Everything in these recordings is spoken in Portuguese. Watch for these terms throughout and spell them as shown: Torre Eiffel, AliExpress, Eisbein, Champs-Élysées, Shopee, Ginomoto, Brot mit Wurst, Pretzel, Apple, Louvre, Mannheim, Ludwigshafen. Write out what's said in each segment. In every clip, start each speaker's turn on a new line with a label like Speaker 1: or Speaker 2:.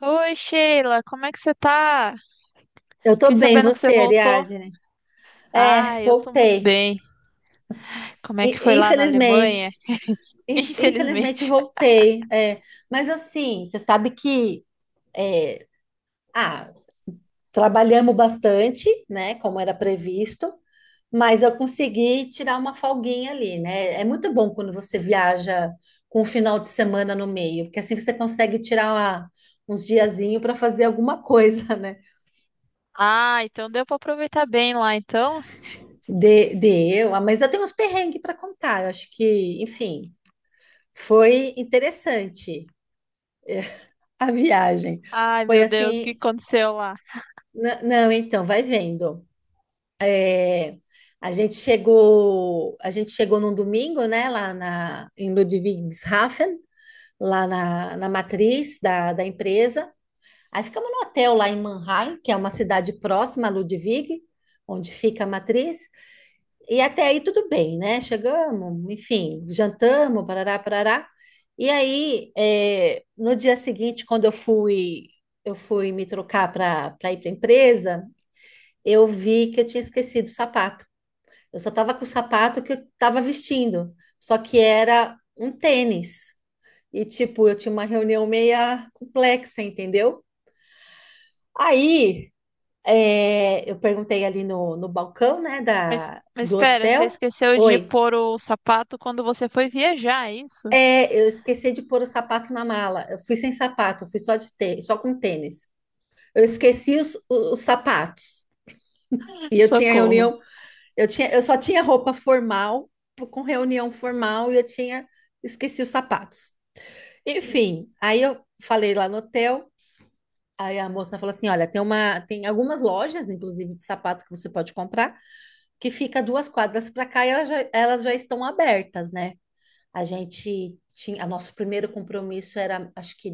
Speaker 1: Oi, Sheila, como é que você tá?
Speaker 2: Eu tô
Speaker 1: Fiquei
Speaker 2: bem,
Speaker 1: sabendo que você
Speaker 2: você,
Speaker 1: voltou.
Speaker 2: Ariadne? É,
Speaker 1: Ah, eu tô muito
Speaker 2: voltei.
Speaker 1: bem. Como é que foi lá na
Speaker 2: Infelizmente,
Speaker 1: Alemanha?
Speaker 2: infelizmente
Speaker 1: Infelizmente.
Speaker 2: voltei. É. Mas assim, você sabe que é, ah, trabalhamos bastante, né? Como era previsto, mas eu consegui tirar uma folguinha ali, né? É muito bom quando você viaja com um final de semana no meio, porque assim você consegue tirar uns diazinho para fazer alguma coisa, né?
Speaker 1: Ah, então deu pra aproveitar bem lá, então.
Speaker 2: De, de mas eu tenho uns perrengues para contar. Eu acho que, enfim. Foi interessante a viagem.
Speaker 1: Ai,
Speaker 2: Foi
Speaker 1: meu Deus, o que
Speaker 2: assim,
Speaker 1: aconteceu lá?
Speaker 2: não, então, vai vendo. A gente chegou num domingo, né, lá em Ludwigshafen, lá na matriz da empresa. Aí ficamos no hotel lá em Mannheim, que é uma cidade próxima a Ludwig, onde fica a matriz. E até aí tudo bem, né? Chegamos, enfim, jantamos, parará, parará. E aí, no dia seguinte, quando eu fui me trocar para ir para a empresa, eu vi que eu tinha esquecido o sapato. Eu só estava com o sapato que eu estava vestindo, só que era um tênis. E, tipo, eu tinha uma reunião meia complexa, entendeu? Aí, eu perguntei ali no balcão, né,
Speaker 1: Mas, mas
Speaker 2: do
Speaker 1: espera, você
Speaker 2: hotel.
Speaker 1: esqueceu de
Speaker 2: Oi.
Speaker 1: pôr o sapato quando você foi viajar, é isso?
Speaker 2: É, eu esqueci de pôr o sapato na mala. Eu fui sem sapato, eu fui só com tênis. Eu esqueci os sapatos. E eu tinha
Speaker 1: Socorro.
Speaker 2: reunião, eu só tinha roupa formal, com reunião formal, e eu tinha esqueci os sapatos. Enfim, aí eu falei lá no hotel, aí a moça falou assim: "Olha, tem uma, tem algumas lojas, inclusive de sapato que você pode comprar, que fica duas quadras para cá e elas já estão abertas, né? A nosso primeiro compromisso era, acho que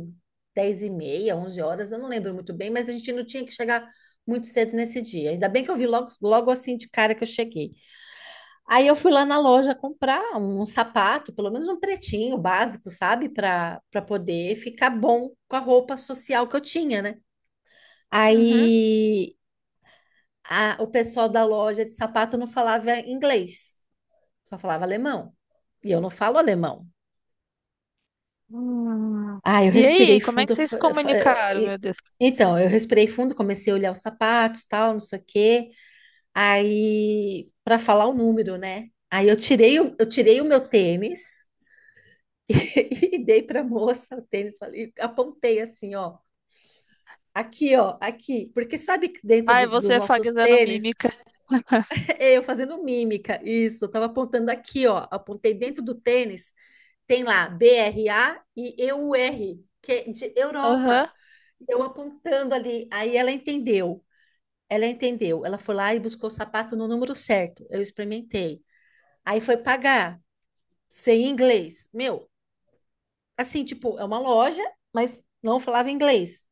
Speaker 2: 10h30, 11h, eu não lembro muito bem, mas a gente não tinha que chegar muito cedo nesse dia. Ainda bem que eu vi logo, logo assim de cara que eu cheguei. Aí eu fui lá na loja comprar um sapato, pelo menos um pretinho básico, sabe? Para poder ficar bom com a roupa social que eu tinha, né?
Speaker 1: Uhum.
Speaker 2: Aí o pessoal da loja de sapato não falava inglês, só falava alemão. E eu não falo alemão.
Speaker 1: Hum.
Speaker 2: Ah, eu
Speaker 1: E
Speaker 2: respirei
Speaker 1: aí, como é
Speaker 2: fundo.
Speaker 1: que
Speaker 2: Eu
Speaker 1: vocês
Speaker 2: fa-
Speaker 1: se
Speaker 2: eu fa- eu-
Speaker 1: comunicaram,
Speaker 2: e-
Speaker 1: meu Deus?
Speaker 2: Então, eu respirei fundo, comecei a olhar os sapatos, tal, não sei o quê. Aí, para falar o número, né? Aí eu tirei o meu tênis e dei para a moça o tênis, falei, apontei assim, ó, aqui, porque sabe que
Speaker 1: Ai,
Speaker 2: dos
Speaker 1: você
Speaker 2: nossos
Speaker 1: fazendo
Speaker 2: tênis,
Speaker 1: mímica.
Speaker 2: eu fazendo mímica, isso, eu tava apontando aqui, ó, apontei dentro do tênis. Tem lá BRA e EUR, que é de
Speaker 1: Aham.
Speaker 2: Europa. Eu apontando ali. Aí ela entendeu. Ela entendeu. Ela foi lá e buscou o sapato no número certo. Eu experimentei. Aí foi pagar, sem inglês. Meu, assim, tipo, é uma loja, mas não falava inglês.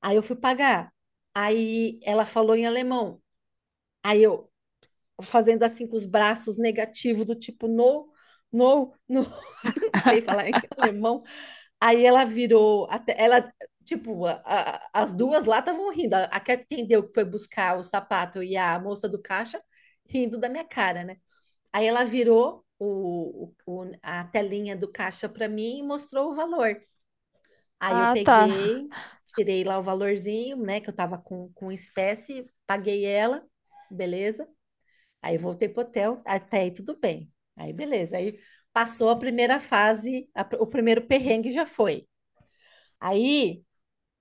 Speaker 2: Aí eu fui pagar. Aí ela falou em alemão. Aí eu fazendo assim com os braços negativos, do tipo, no, no, no. Não sei falar em alemão. Aí ela virou, até, ela, tipo, as duas lá estavam rindo. A que atendeu que foi buscar o sapato e a moça do caixa rindo da minha cara, né? Aí ela virou a telinha do caixa para mim e mostrou o valor. Aí eu
Speaker 1: Ah, tá.
Speaker 2: peguei, tirei lá o valorzinho, né, que eu tava com espécie, paguei ela, beleza. Aí voltei pro hotel, até aí tudo bem. Aí beleza, aí passou a primeira fase, o primeiro perrengue já foi. Aí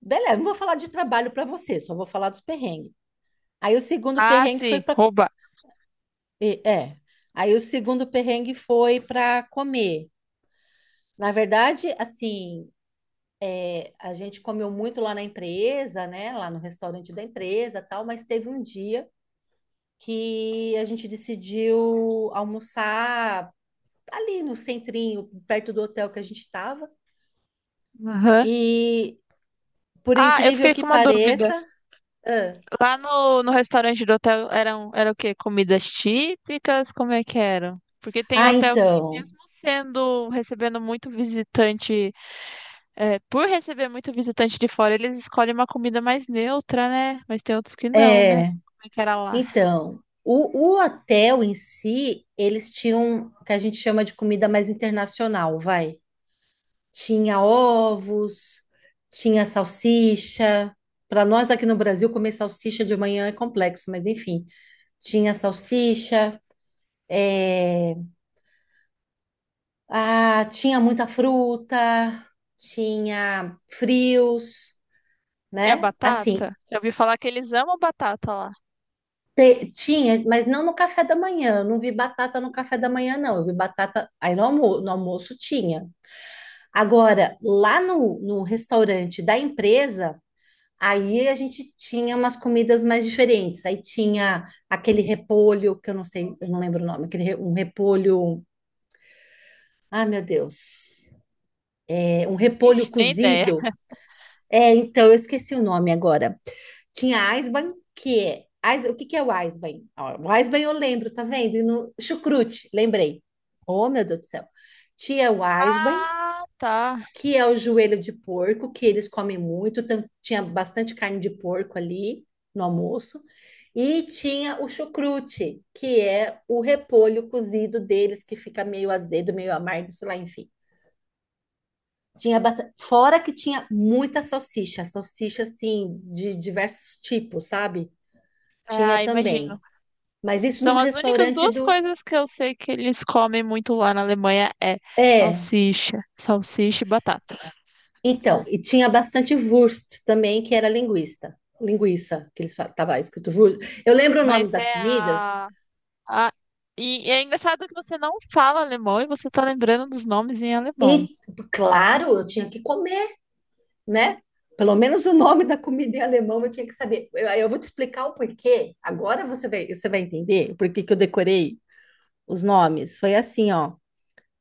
Speaker 2: beleza, não vou falar de trabalho para você, só vou falar dos perrengues. Aí o segundo
Speaker 1: Ah,
Speaker 2: perrengue foi
Speaker 1: sim,
Speaker 2: para.
Speaker 1: roubar.
Speaker 2: É. Aí o segundo perrengue foi para comer. Na verdade, assim, a gente comeu muito lá na empresa, né? Lá no restaurante da empresa, tal, mas teve um dia que a gente decidiu almoçar ali no centrinho, perto do hotel que a gente estava.
Speaker 1: Aham.
Speaker 2: E por
Speaker 1: Ah, eu
Speaker 2: incrível
Speaker 1: fiquei
Speaker 2: que
Speaker 1: com uma
Speaker 2: pareça,
Speaker 1: dúvida.
Speaker 2: ah,
Speaker 1: Lá no restaurante do hotel eram, era o quê? Comidas típicas? Como é que eram? Porque tem
Speaker 2: ah,
Speaker 1: hotel que,
Speaker 2: então,
Speaker 1: mesmo sendo, recebendo muito visitante, é, por receber muito visitante de fora, eles escolhem uma comida mais neutra, né? Mas tem outros que não, né?
Speaker 2: é,
Speaker 1: Como é que era lá?
Speaker 2: Então, o hotel em si, eles tinham o que a gente chama de comida mais internacional, vai. Tinha ovos, tinha salsicha. Para nós aqui no Brasil, comer salsicha de manhã é complexo, mas enfim, tinha salsicha, é, tinha muita fruta, tinha frios,
Speaker 1: Tinha
Speaker 2: né? Assim,
Speaker 1: batata? Eu ouvi falar que eles amam batata lá.
Speaker 2: tinha, mas não no café da manhã. Eu não vi batata no café da manhã, não. Eu vi batata aí no almoço tinha. Agora, lá no restaurante da empresa, aí a gente tinha umas comidas mais diferentes. Aí tinha aquele repolho, que eu não sei, eu não lembro o nome, aquele, um repolho. Ai, meu Deus. É, um repolho
Speaker 1: Ixi, nem ideia.
Speaker 2: cozido. É, então, eu esqueci o nome agora. Tinha Eisbein, que é. O que que é o Eisbein? Ó, o Eisbein eu lembro, tá vendo? E no chucrute, lembrei. Oh, meu Deus do céu. Tinha o Eisbein,
Speaker 1: Ah, tá.
Speaker 2: que é o joelho de porco, que eles comem muito. Tinha bastante carne de porco ali no almoço. E tinha o chucrute, que é o repolho cozido deles, que fica meio azedo, meio amargo, sei lá, enfim. Tinha bastante... Fora que tinha muita salsicha, salsicha assim, de diversos tipos, sabe? Tinha
Speaker 1: Ah, imagino.
Speaker 2: também. Mas isso no
Speaker 1: São as únicas
Speaker 2: restaurante
Speaker 1: duas
Speaker 2: do.
Speaker 1: coisas que eu sei que eles comem muito lá na Alemanha é
Speaker 2: É,
Speaker 1: salsicha, salsicha e batata.
Speaker 2: então, e tinha bastante Wurst também, que era linguista. Linguiça, que eles falam, tava escrito Wurst. Eu lembro o nome
Speaker 1: Mas
Speaker 2: das
Speaker 1: é
Speaker 2: comidas,
Speaker 1: a- E, e é engraçado que você não fala alemão e você tá lembrando dos nomes em alemão.
Speaker 2: e claro, eu tinha que comer, né? Pelo menos o nome da comida em alemão eu tinha que saber. Eu vou te explicar o porquê. Agora você vai entender por que que eu decorei os nomes. Foi assim, ó.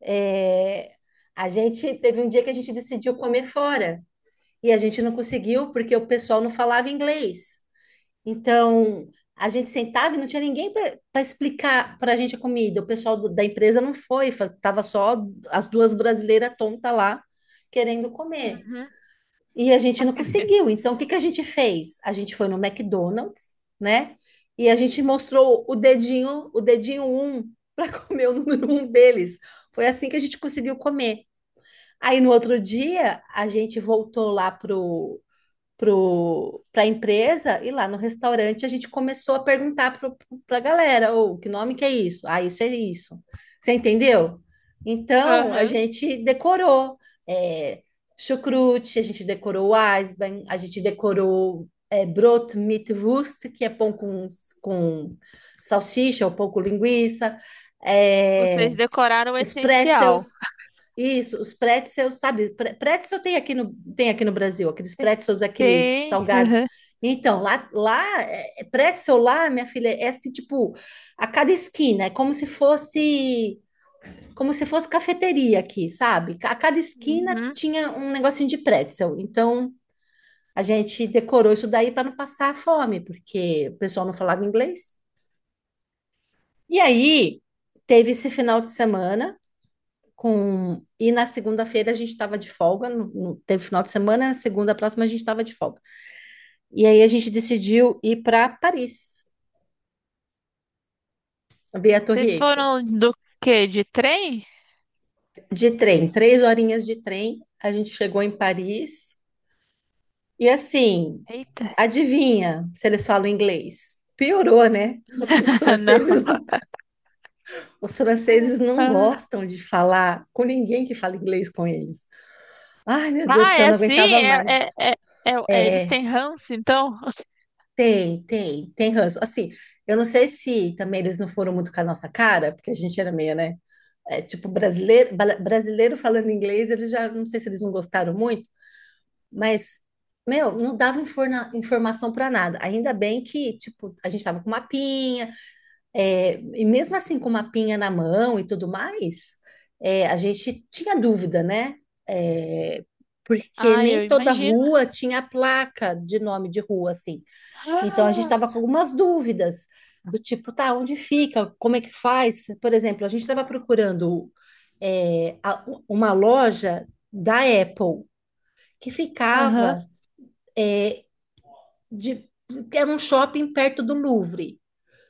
Speaker 2: É, a gente teve um dia que a gente decidiu comer fora e a gente não conseguiu porque o pessoal não falava inglês. Então, a gente sentava e não tinha ninguém para explicar para a gente a comida. O pessoal da empresa não foi, tava só as duas brasileiras tontas lá querendo comer.
Speaker 1: Uhum.
Speaker 2: E a gente não conseguiu. Então, o que que a gente fez? A gente foi no McDonald's, né? E a gente mostrou o dedinho um para comer o número um deles. Foi assim que a gente conseguiu comer. Aí no outro dia, a gente voltou lá pro para a empresa e lá no restaurante a gente começou a perguntar para a galera, ou que nome que é isso? Ah, isso é isso. Você entendeu? Então a
Speaker 1: Aham.
Speaker 2: gente decorou é, chucrute, a gente decorou Eisbein, a gente decorou Brot mit Wurst, que é pão com salsicha ou pão com linguiça, é,
Speaker 1: Vocês decoraram o
Speaker 2: os
Speaker 1: essencial.
Speaker 2: pretzels, isso, os pretzels, sabe? Pretzel tem aqui no Brasil, aqueles
Speaker 1: Te-
Speaker 2: pretzels, aqueles
Speaker 1: Tem.
Speaker 2: salgados.
Speaker 1: Aham.
Speaker 2: Então, lá, é pretzel lá, minha filha, é assim, tipo, a cada esquina, é como se fosse cafeteria aqui, sabe? A cada esquina
Speaker 1: Uhum.
Speaker 2: tinha um negocinho de pretzel. Então, a gente decorou isso daí para não passar fome, porque o pessoal não falava inglês. E aí, teve esse final de semana. Com e na segunda-feira a gente estava de folga, teve final de semana, na segunda próxima a gente estava de folga. E aí a gente decidiu ir para Paris, ver a Torre
Speaker 1: Vocês
Speaker 2: Eiffel.
Speaker 1: foram do quê? De trem?
Speaker 2: De trem, três horinhas de trem, a gente chegou em Paris. E assim,
Speaker 1: Eita.
Speaker 2: adivinha se eles falam inglês? Piorou, né? Os
Speaker 1: Não.
Speaker 2: franceses não, os franceses não gostam de falar com ninguém que fala inglês com eles. Ai, meu Deus do
Speaker 1: Ah,
Speaker 2: céu,
Speaker 1: é
Speaker 2: eu não
Speaker 1: assim?
Speaker 2: aguentava mais.
Speaker 1: Eles
Speaker 2: É,
Speaker 1: têm ranço, então?
Speaker 2: Tem ranço. Assim, eu não sei se também eles não foram muito com a nossa cara, porque a gente era meio, né? É, tipo, brasileiro, brasileiro falando inglês, eles já, não sei se eles não gostaram muito, mas, meu, não dava informação para nada. Ainda bem que, tipo, a gente tava com mapinha, e mesmo assim com mapinha na mão e tudo mais, a gente tinha dúvida, né? É, porque
Speaker 1: Ah, eu
Speaker 2: nem toda
Speaker 1: imagino.
Speaker 2: rua tinha placa de nome de rua, assim. Então a gente
Speaker 1: Ah,
Speaker 2: estava com algumas dúvidas do tipo, tá, onde fica? Como é que faz? Por exemplo, a gente estava procurando uma loja da Apple que
Speaker 1: aham.
Speaker 2: ficava é, de, era um shopping perto do Louvre.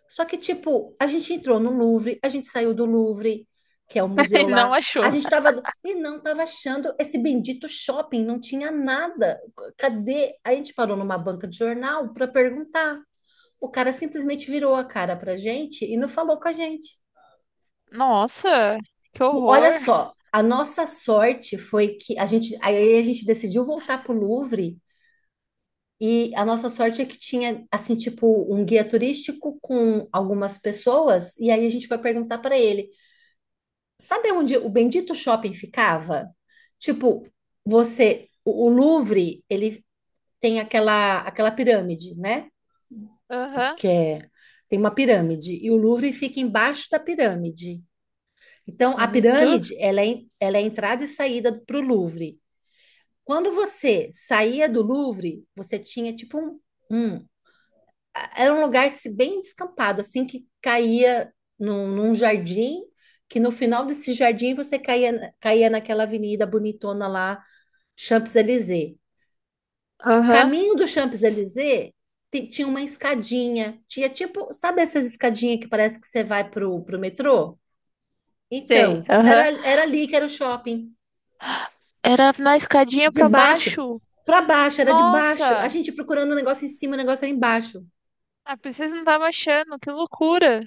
Speaker 2: Só que, tipo, a gente entrou no Louvre, a gente saiu do Louvre, que é o
Speaker 1: E
Speaker 2: museu
Speaker 1: não
Speaker 2: lá,
Speaker 1: achou.
Speaker 2: a gente tava e não tava achando esse bendito shopping, não tinha nada. Cadê? Aí a gente parou numa banca de jornal para perguntar. O cara simplesmente virou a cara pra gente e não falou com a gente.
Speaker 1: Nossa, que
Speaker 2: Olha
Speaker 1: horror.
Speaker 2: só, a nossa sorte foi que a gente, aí a gente decidiu voltar pro Louvre e a nossa sorte é que tinha, assim, tipo, um guia turístico com algumas pessoas, e aí a gente foi perguntar para ele: sabe onde o bendito shopping ficava? Tipo, o Louvre, ele tem aquela pirâmide, né?
Speaker 1: Aham.
Speaker 2: Que é, Tem uma pirâmide, e o Louvre fica embaixo da pirâmide. Então, a
Speaker 1: Certo.
Speaker 2: pirâmide, ela é entrada e saída para o Louvre. Quando você saía do Louvre, você tinha tipo um- era um lugar assim, bem descampado, assim que caía num jardim, que no final desse jardim você caía naquela avenida bonitona lá, Champs-Élysées.
Speaker 1: Aham.
Speaker 2: Caminho do Champs-Élysées tinha uma escadinha, tinha tipo, sabe essas escadinhas que parece que você vai pro metrô?
Speaker 1: Sei.
Speaker 2: Então,
Speaker 1: Aham.
Speaker 2: era ali que era o shopping.
Speaker 1: Era na escadinha
Speaker 2: De
Speaker 1: pra
Speaker 2: baixo
Speaker 1: baixo.
Speaker 2: para baixo, era de baixo. A
Speaker 1: Nossa,
Speaker 2: gente procurando o negócio em cima, o negócio era embaixo.
Speaker 1: a princesa não tava achando. Que loucura.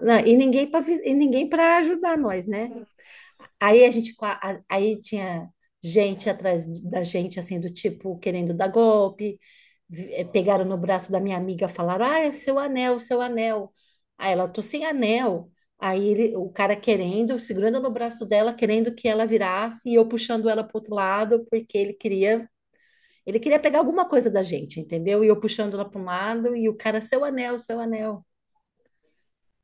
Speaker 2: Não, e ninguém para ajudar nós, né? Aí a gente qua- a- aí tinha gente atrás da gente assim do tipo querendo dar golpe. Pegaram no braço da minha amiga, falaram: "Ah, é seu anel, seu anel". Aí ela: "Tô sem anel". Aí o cara querendo, segurando no braço dela, querendo que ela virasse e eu puxando ela para outro lado, porque ele queria pegar alguma coisa da gente, entendeu? E eu puxando ela para um lado e o cara, seu anel, seu anel.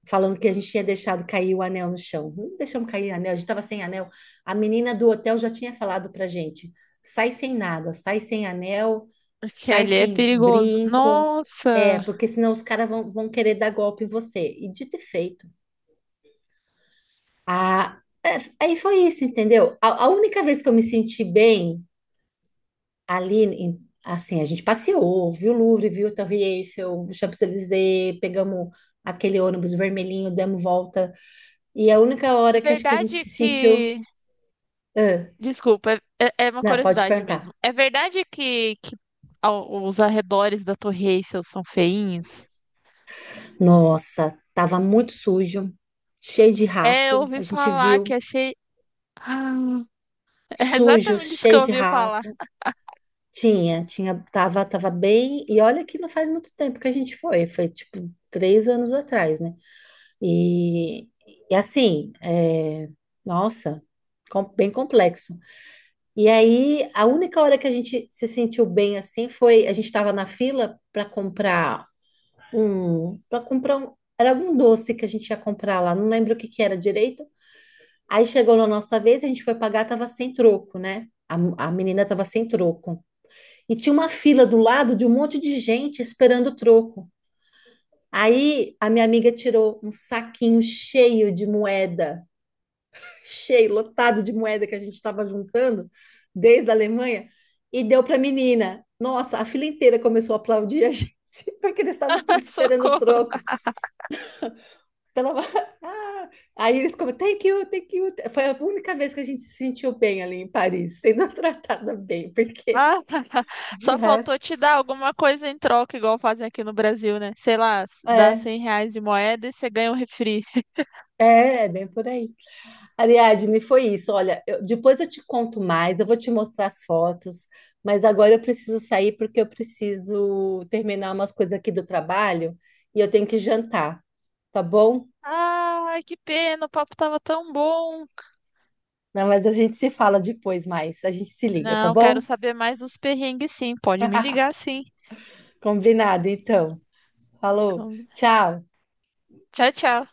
Speaker 2: Falando que a gente tinha deixado cair o anel no chão. Não deixamos cair o anel, a gente estava sem anel. A menina do hotel já tinha falado para gente: sai sem nada, sai sem anel,
Speaker 1: Porque
Speaker 2: sai
Speaker 1: ali é
Speaker 2: sem
Speaker 1: perigoso.
Speaker 2: brinco. É,
Speaker 1: Nossa.
Speaker 2: porque senão os caras vão querer dar golpe em você. E dito e feito. A, é, Aí foi isso, entendeu? A única vez que eu me senti bem ali, assim, a gente passeou, viu o Louvre, viu a Torre Eiffel, o Champs-Élysées, pegamos aquele ônibus vermelhinho, demos volta. E a única hora
Speaker 1: A
Speaker 2: que acho que a gente
Speaker 1: verdade é
Speaker 2: se sentiu.
Speaker 1: que
Speaker 2: Ah,
Speaker 1: desculpa, é, é é uma
Speaker 2: não, pode
Speaker 1: curiosidade mesmo.
Speaker 2: perguntar.
Speaker 1: É verdade que ao- os arredores da Torre Eiffel são feinhos?
Speaker 2: Nossa, tava muito sujo, cheio de
Speaker 1: É, eu
Speaker 2: rato. A
Speaker 1: ouvi
Speaker 2: gente
Speaker 1: falar que
Speaker 2: viu
Speaker 1: achei. Ah, é
Speaker 2: sujo,
Speaker 1: exatamente isso que
Speaker 2: cheio
Speaker 1: eu
Speaker 2: de
Speaker 1: ouvi falar.
Speaker 2: rato. Tava bem. E olha que não faz muito tempo que a gente foi, foi tipo 3 anos atrás, né? E, e assim, nossa, bem complexo. E aí, a única hora que a gente se sentiu bem assim foi a gente estava na fila para comprar um, era algum doce que a gente ia comprar lá, não lembro o que que era direito. Aí chegou na nossa vez, a gente foi pagar, tava sem troco, né? A menina tava sem troco. E tinha uma fila do lado de um monte de gente esperando o troco. Aí a minha amiga tirou um saquinho cheio de moeda lotado de moeda que a gente estava juntando desde a Alemanha e deu para a menina. Nossa, a fila inteira começou a aplaudir a gente, porque eles estavam tudo esperando o
Speaker 1: Socorro.
Speaker 2: troco. Então, ah, aí eles comentaram, thank you, thank you. Foi a única vez que a gente se sentiu bem ali em Paris, sendo tratada bem, porque
Speaker 1: Ah,
Speaker 2: de
Speaker 1: só
Speaker 2: resto,
Speaker 1: faltou te dar alguma coisa em troca, igual fazem aqui no Brasil, né? Sei lá, dá
Speaker 2: é,
Speaker 1: 100 reais de moeda e você ganha um refri.
Speaker 2: é bem por aí. Ariadne, foi isso. Olha, depois eu te conto mais, eu vou te mostrar as fotos, mas agora eu preciso sair porque eu preciso terminar umas coisas aqui do trabalho e eu tenho que jantar, tá bom?
Speaker 1: Ai, que pena, o papo tava tão bom.
Speaker 2: Não, mas a gente se fala depois mais, a gente se liga, tá
Speaker 1: Não, quero
Speaker 2: bom?
Speaker 1: saber mais dos perrengues, sim. Pode me ligar, sim.
Speaker 2: Combinado, então. Falou, tchau.
Speaker 1: Tchau, tchau.